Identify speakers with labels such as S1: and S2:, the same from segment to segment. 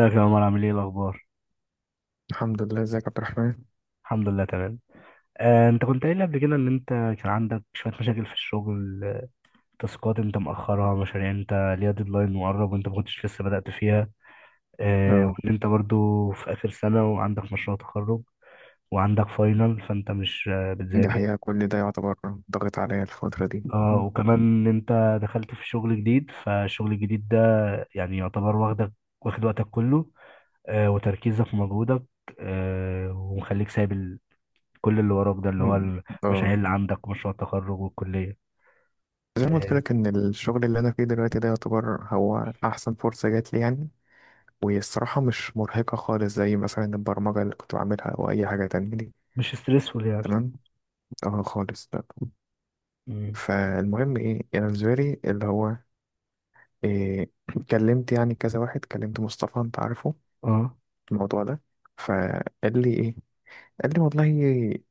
S1: ازيك يا عمر؟ عامل ايه؟ الاخبار؟
S2: الحمد لله. ازيك يا عبد الرحمن؟
S1: الحمد لله، تمام. انت كنت قايل لي قبل كده ان انت كان عندك شويه مشاكل في الشغل، تاسكات انت مأخرها، مشاريع انت ليها ديدلاين مقرب وانت ما كنتش لسه بدأت فيها،
S2: اه،
S1: وان انت برضو في اخر سنه وعندك مشروع تخرج وعندك فاينل، فانت مش
S2: دي
S1: بتذاكر.
S2: حقيقة كل ده يعتبر ضاغط عليا الفترة دي.
S1: اه، وكمان ان انت دخلت في شغل جديد، فالشغل الجديد ده يعني يعتبر واخدك، واخد وقتك كله، وتركيزك ومجهودك، ومخليك سايب كل اللي وراك، ده اللي هو
S2: مم.
S1: المشاريع
S2: اه،
S1: اللي عندك ومشروع التخرج والكلية.
S2: زي ما قلت
S1: آه،
S2: لك ان الشغل اللي انا فيه دلوقتي ده يعتبر هو احسن فرصة جات لي يعني، وهي الصراحة مش مرهقة خالص زي مثلا البرمجة اللي كنت بعملها او اي حاجة تانية دي.
S1: مش ستريسفول يعني.
S2: تمام. اه، خالص لا.
S1: مم.
S2: فالمهم ايه، انا بالنسبة لي اللي هو إيه، كلمت يعني كذا واحد، كلمت مصطفى انت عارفه
S1: اه.
S2: الموضوع ده. فقال لي ايه، قال لي والله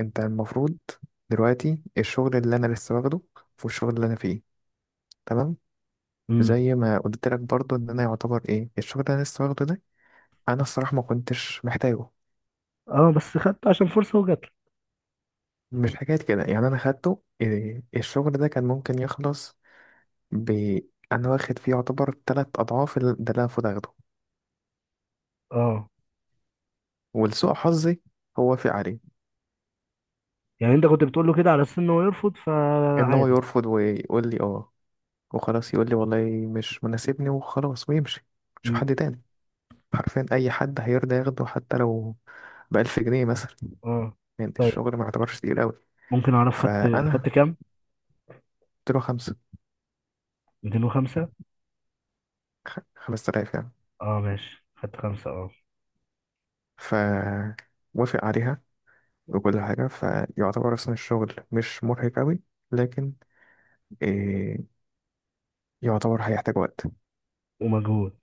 S2: انت المفروض دلوقتي الشغل اللي انا لسه واخده والشغل اللي انا فيه تمام.
S1: امم.
S2: زي ما قلت لك برضو ان انا يعتبر ايه الشغل اللي انا لسه واخده ده، انا الصراحه ما كنتش محتاجه.
S1: اه، بس خدت عشان فرصة وجات لك.
S2: مش حكايه كده يعني، انا خدته إيه، الشغل ده كان ممكن يخلص ب انا واخد فيه يعتبر تلات اضعاف ده اللي انا المفروض اخده.
S1: اه.
S2: ولسوء حظي هو في عليه
S1: يعني انت كنت بتقول له كده على اساس ان هو يرفض،
S2: ان هو
S1: فعادي.
S2: يرفض ويقول لي اه وخلاص، يقول لي والله مش مناسبني وخلاص ويمشي، شوف
S1: امم.
S2: حد تاني. حرفيا اي حد هيرضى ياخده حتى لو ب1000 جنيه مثلا،
S1: اه.
S2: يعني
S1: طيب،
S2: الشغل ما يعتبرش تقيل قوي.
S1: ممكن اعرف خدت
S2: فانا
S1: خدت كام؟
S2: قلت له خمسة،
S1: 205؟
S2: 5000 يعني.
S1: اه ماشي، خدت خمسة. اه،
S2: فوافق عليها وكل حاجة، فيعتبر أصلا الشغل مش مرهق قوي لكن إيه، يعتبر هيحتاج وقت
S1: ومجهود.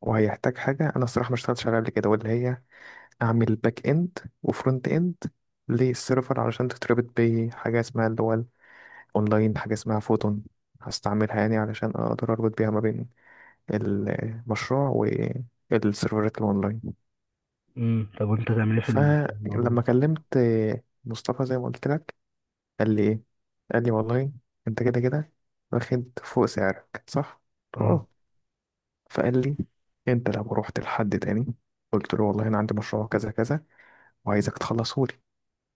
S2: وهيحتاج حاجة أنا الصراحة ما اشتغلتش عليها قبل كده واللي هي أعمل باك إند وفرونت إند للسيرفر علشان تتربط بحاجة اسمها اللي هو الأونلاين، حاجة اسمها فوتون، هستعملها يعني علشان أقدر أربط بيها ما بين المشروع والسيرفرات الأونلاين.
S1: امم. طب وانت تعمل ايه في الموضوع ده؟
S2: فلما كلمت مصطفى زي ما قلت لك قال لي إيه، قال لي والله أنت كده كده واخد فوق سعرك صح؟ قلت له
S1: اه.
S2: أه. فقال لي أنت لو رحت لحد تاني قلت له والله أنا عندي مشروع كذا كذا وعايزك تخلصه لي،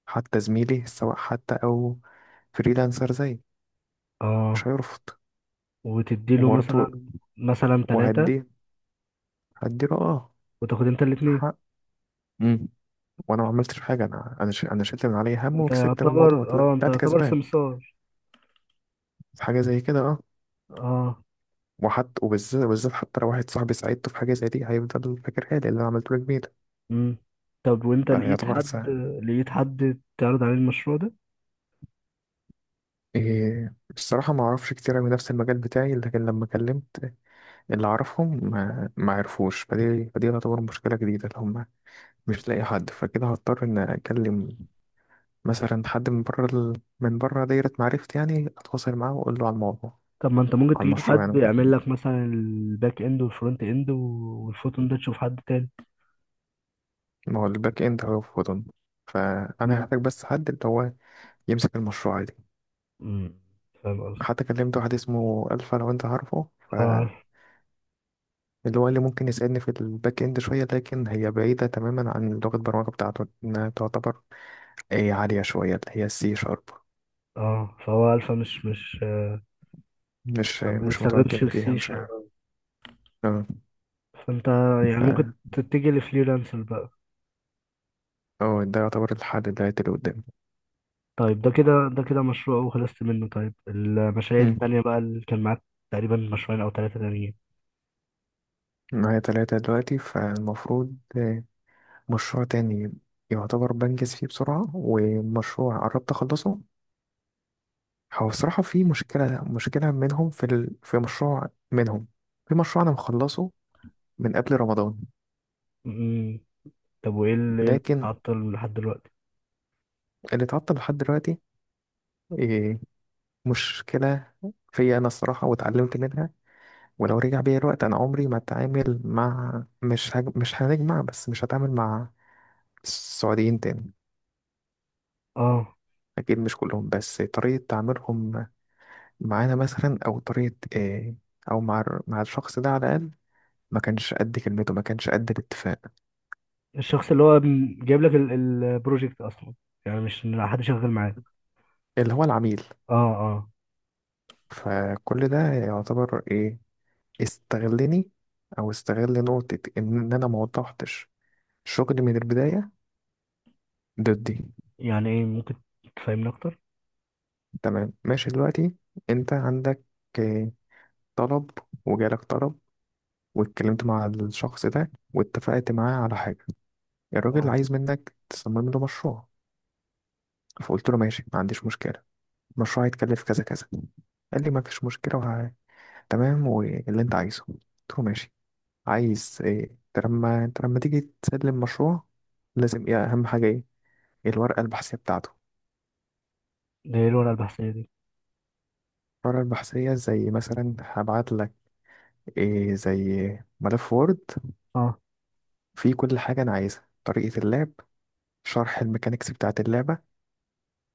S2: حتى زميلي سواء حتى أو فريلانسر زي
S1: اه.
S2: مش هيرفض
S1: وتديله
S2: وبرضه،
S1: مثلا ثلاثة،
S2: وهدي، هديله أه
S1: وتاخد انت الاثنين.
S2: حق. وانا ما عملتش حاجه، انا انا شلت من عليا هم
S1: انت
S2: وكسبت من الموضوع،
S1: يعتبر اه انت
S2: طلعت
S1: يعتبر
S2: كسبان
S1: سمسار؟
S2: في حاجه زي كده اه.
S1: اه.
S2: وحتى وبالذات وبالذات حتى لو واحد صاحبي ساعدته في حاجه زي دي هيفضل فاكرها لي، اللي انا عملته له جميل.
S1: امم. طب وانت لقيت
S2: فيعتبر
S1: حد
S2: ساعة
S1: لقيت حد تعرض عليه المشروع ده؟
S2: إيه، الصراحه ما اعرفش كتير من نفس المجال بتاعي، لكن لما كلمت اللي اعرفهم ما عرفوش، فدي فدي تعتبر مشكله جديده اللي هم مش لاقي حد. فكده هضطر ان اكلم مثلا حد من بره دايره معرفتي يعني، اتواصل معاه واقول له على الموضوع،
S1: طب ما انت ممكن
S2: على
S1: تجيب
S2: المشروع يعني
S1: حد
S2: وكده.
S1: يعمل لك مثلا الباك اند والفرونت اند والفوتون ده، تشوف حد تاني؟
S2: ما هو الباك اند هو فودن، فانا
S1: امم.
S2: هحتاج بس حد اللي هو يمسك المشروع دي.
S1: امم. فاهم قصدي؟
S2: حتى كلمت واحد اسمه الفا لو انت عارفه،
S1: اه، عارف.
S2: فاللي هو اللي ممكن يساعدني في الباك اند شويه، لكن هي بعيده تماما عن لغه البرمجه بتاعته، انها تعتبر اي عاليه شويه اللي هي السي شارب،
S1: اه، فهو الفا مش
S2: مش
S1: ما
S2: مش
S1: بيستخدمش
S2: متمكن فيها،
S1: السي.
S2: مش عارف. اه،
S1: فانت يعني ممكن
S2: ف-
S1: تتجه لفريلانسر بقى.
S2: اه، ده يعتبر الحل دلوقتي اللي قدامي.
S1: طيب، ده كده مشروع وخلصت منه. طيب المشاريع
S2: مم.
S1: التانية بقى اللي كان معاك تقريبا مشروعين او ثلاثة تانيين.
S2: معايا تلاتة دلوقتي، فالمفروض مشروع تاني يعتبر بنجز فيه بسرعة، ومشروع قربت أخلصه. هو الصراحة في مشكلة، مشكلة منهم في مشروع منهم، في مشروع أنا مخلصه من قبل رمضان.
S1: امم. طب وايه اللي إيه اللي
S2: لكن
S1: عطل لحد دلوقتي؟
S2: اللي اتعطل لحد دلوقتي إيه، مشكلة فيا أنا الصراحة، واتعلمت منها. ولو رجع بيا الوقت أنا عمري ما أتعامل مع مش هنجمع، بس مش هتعامل مع السعوديين تاني.
S1: اه.
S2: أكيد مش كلهم، بس طريقة تعاملهم معانا مثلا أو طريقة إيه، أو مع الشخص ده على الأقل، ما كانش قد كلمته، ما كانش قد الاتفاق.
S1: الشخص اللي هو جايب لك البروجكت اصلا؟ يعني مش إن حد شغال معاه.
S2: اللي هو العميل.
S1: اه. اه.
S2: فكل ده يعتبر ايه، استغلني او استغل نقطة ان انا ما وضحتش شغلي من البداية ضدي.
S1: يعني ايه؟ ممكن تفهمني اكتر؟
S2: تمام، ماشي. دلوقتي انت عندك إيه، طلب، وجالك طلب، واتكلمت مع الشخص ده واتفقت معاه على حاجة. الراجل
S1: اه.
S2: عايز منك تصمم له مشروع، فقلت له ماشي، ما عنديش مشكلة، المشروع هيتكلف كذا كذا. قال لي ما فيش مشكلة تمام، واللي انت عايزه. قلت له ماشي، عايز ايه؟ انت لما تيجي تسلم مشروع لازم ايه اهم حاجة، ايه الورقة البحثية بتاعته.
S1: ده ايه الورقه البحثيه دي؟
S2: الورقة البحثية زي مثلا هبعت لك إيه زي ملف وورد،
S1: اه.
S2: فيه كل حاجة أنا عايزها، طريقة اللعب، شرح الميكانيكس بتاعة اللعبة،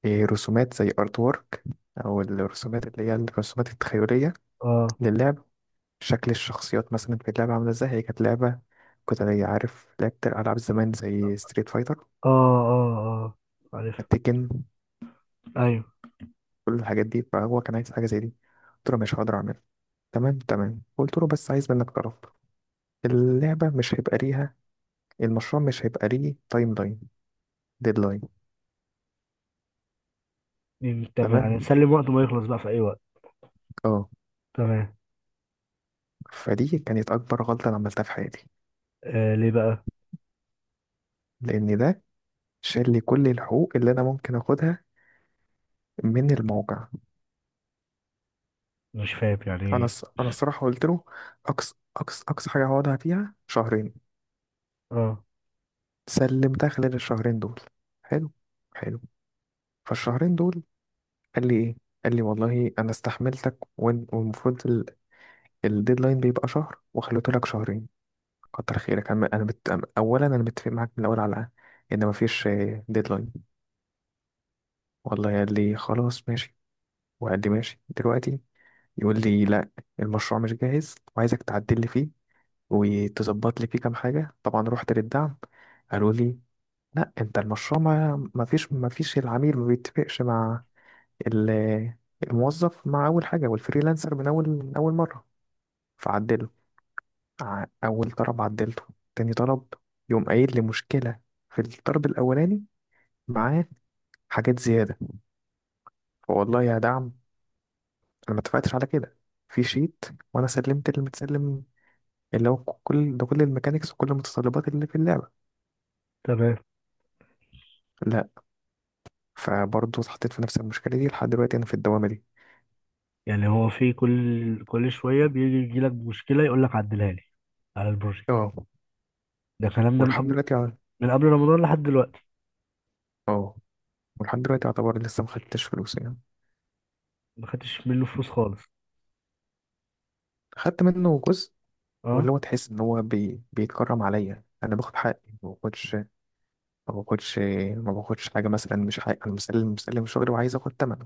S2: إيه رسومات زي ارت وورك، أو الرسومات اللي هي الرسومات التخيلية
S1: اه.
S2: للعب، شكل الشخصيات مثلا في اللعبة عاملة ازاي. هي كانت لعبة كنت أنا عارف لعبت ألعاب زمان زي ستريت فايتر،
S1: اه. اه. اه، عارف.
S2: تيكن،
S1: ايوه.
S2: كل الحاجات دي. فهو كان عايز حاجة زي دي، قلت له مش هقدر أعملها. تمام تمام، قلت له بس عايز منك طرف اللعبة مش هيبقى ليها، المشروع مش هيبقى ليه تايم لاين، ديدلاين.
S1: دي تمام يعني،
S2: تمام،
S1: نسلم وقت ما يخلص بقى في اي وقت.
S2: اه.
S1: تمام.
S2: فدي كانت أكبر غلطة أنا عملتها في حياتي،
S1: ليه بقى؟
S2: لأن ده شال لي كل الحقوق اللي أنا ممكن أخدها من الموقع.
S1: مش فاهم، يعني إيه؟
S2: أنا الصراحة قلت له أقصى أقصى أقصى حاجة هقعدها فيها شهرين،
S1: اه،
S2: سلمتها خلال الشهرين دول. حلو حلو. فالشهرين دول قال لي ايه، قال لي والله انا استحملتك والمفروض الديدلاين بيبقى شهر وخليته لك شهرين، كتر خيرك. انا اولا انا متفق معاك من الاول على ان مفيش ديدلاين. والله قال لي خلاص ماشي، وقال لي ماشي. دلوقتي يقول لي لا، المشروع مش جاهز وعايزك تعدل لي فيه وتظبط لي فيه كام حاجه. طبعا رحت للدعم، قالوا لي لا انت المشروع ما فيش العميل ما بيتفقش مع ال- الموظف مع أول حاجة، والفريلانسر من أول مرة، فعدله. أول طلب عدلته، تاني طلب يقوم قايل لي مشكلة في الطلب الأولاني، معاه حاجات زيادة. فوالله يا دعم أنا ما اتفقتش على كده في شيت، وأنا سلمت اللي متسلم اللي هو كل ده، كل الميكانيكس وكل المتطلبات اللي في اللعبة.
S1: تمام.
S2: لا، فبرضه اتحطيت في نفس المشكلة دي لحد دلوقتي، أنا في الدوامة دي.
S1: يعني هو في كل شويه بيجي لك مشكله يقول لك عدلها لي على البروجكت؟
S2: اه،
S1: ده الكلام ده من
S2: ولحد
S1: قبل؟
S2: دلوقتي.
S1: من قبل رمضان لحد دلوقتي؟
S2: اه، ولحد دلوقتي يعتبر لسه ما خدتش فلوس يعني.
S1: ما خدتش منه فلوس خالص؟
S2: خدت منه جزء،
S1: اه.
S2: واللي هو تحس ان هو بيتكرم عليا، انا باخد حقي ما باخدش ما باخدش ما باخدش حاجه مثلا مش حقي، انا مسلم مسلم شغلي وعايز اخد ثمنه.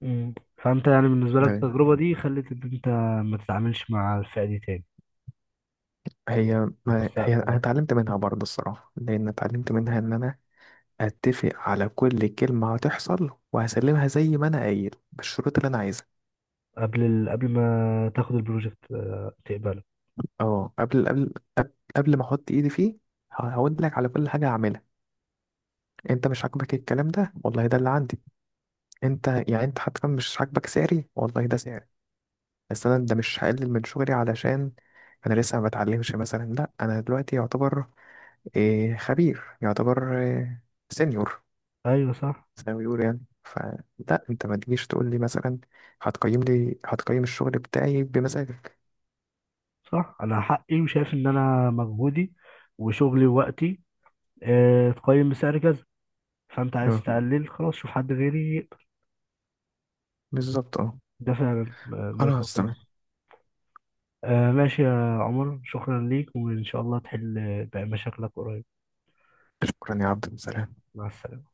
S1: مم. فانت يعني بالنسبه لك التجربه دي خلت ان انت ما تتعاملش مع الفئه دي تاني
S2: هي
S1: في
S2: ما... هي
S1: المستقبل
S2: انا
S1: يعني.
S2: اتعلمت منها برضه الصراحه، لان اتعلمت منها ان انا اتفق على كل كلمه هتحصل وهسلمها زي ما انا قايل بالشروط اللي انا عايزها.
S1: قبل ما تاخد البروجكت تقبله.
S2: اه، قبل ما احط ايدي فيه هقول لك على كل حاجه هعملها. انت مش عاجبك الكلام ده، والله ده اللي عندي. انت يعني انت حتى مش عاجبك سعري، والله ده سعري، بس انا ده مش هقلل من شغلي علشان انا لسه ما بتعلمش مثلا. لا، انا دلوقتي يعتبر إيه، خبير، يعتبر إيه، سينيور
S1: ايوه صح.
S2: زي ما بيقولوا يعني. فلا انت ما تجيش تقول لي مثلا هتقيم لي، هتقيم الشغل بتاعي بمزاجك.
S1: صح، انا حقي وشايف ان انا مجهودي وشغلي ووقتي اتقيم بسعر كذا، فانت عايز
S2: آه،
S1: تقلل، خلاص شوف حد غيري يقبل.
S2: بالظبط اه.
S1: ده فعلا نقطه
S2: خلاص تمام.
S1: كويسه. ماشي يا عمر، شكرا ليك وان شاء الله تحل باقي مشاكلك قريب.
S2: شكرا يا عبد السلام.
S1: مع السلامه.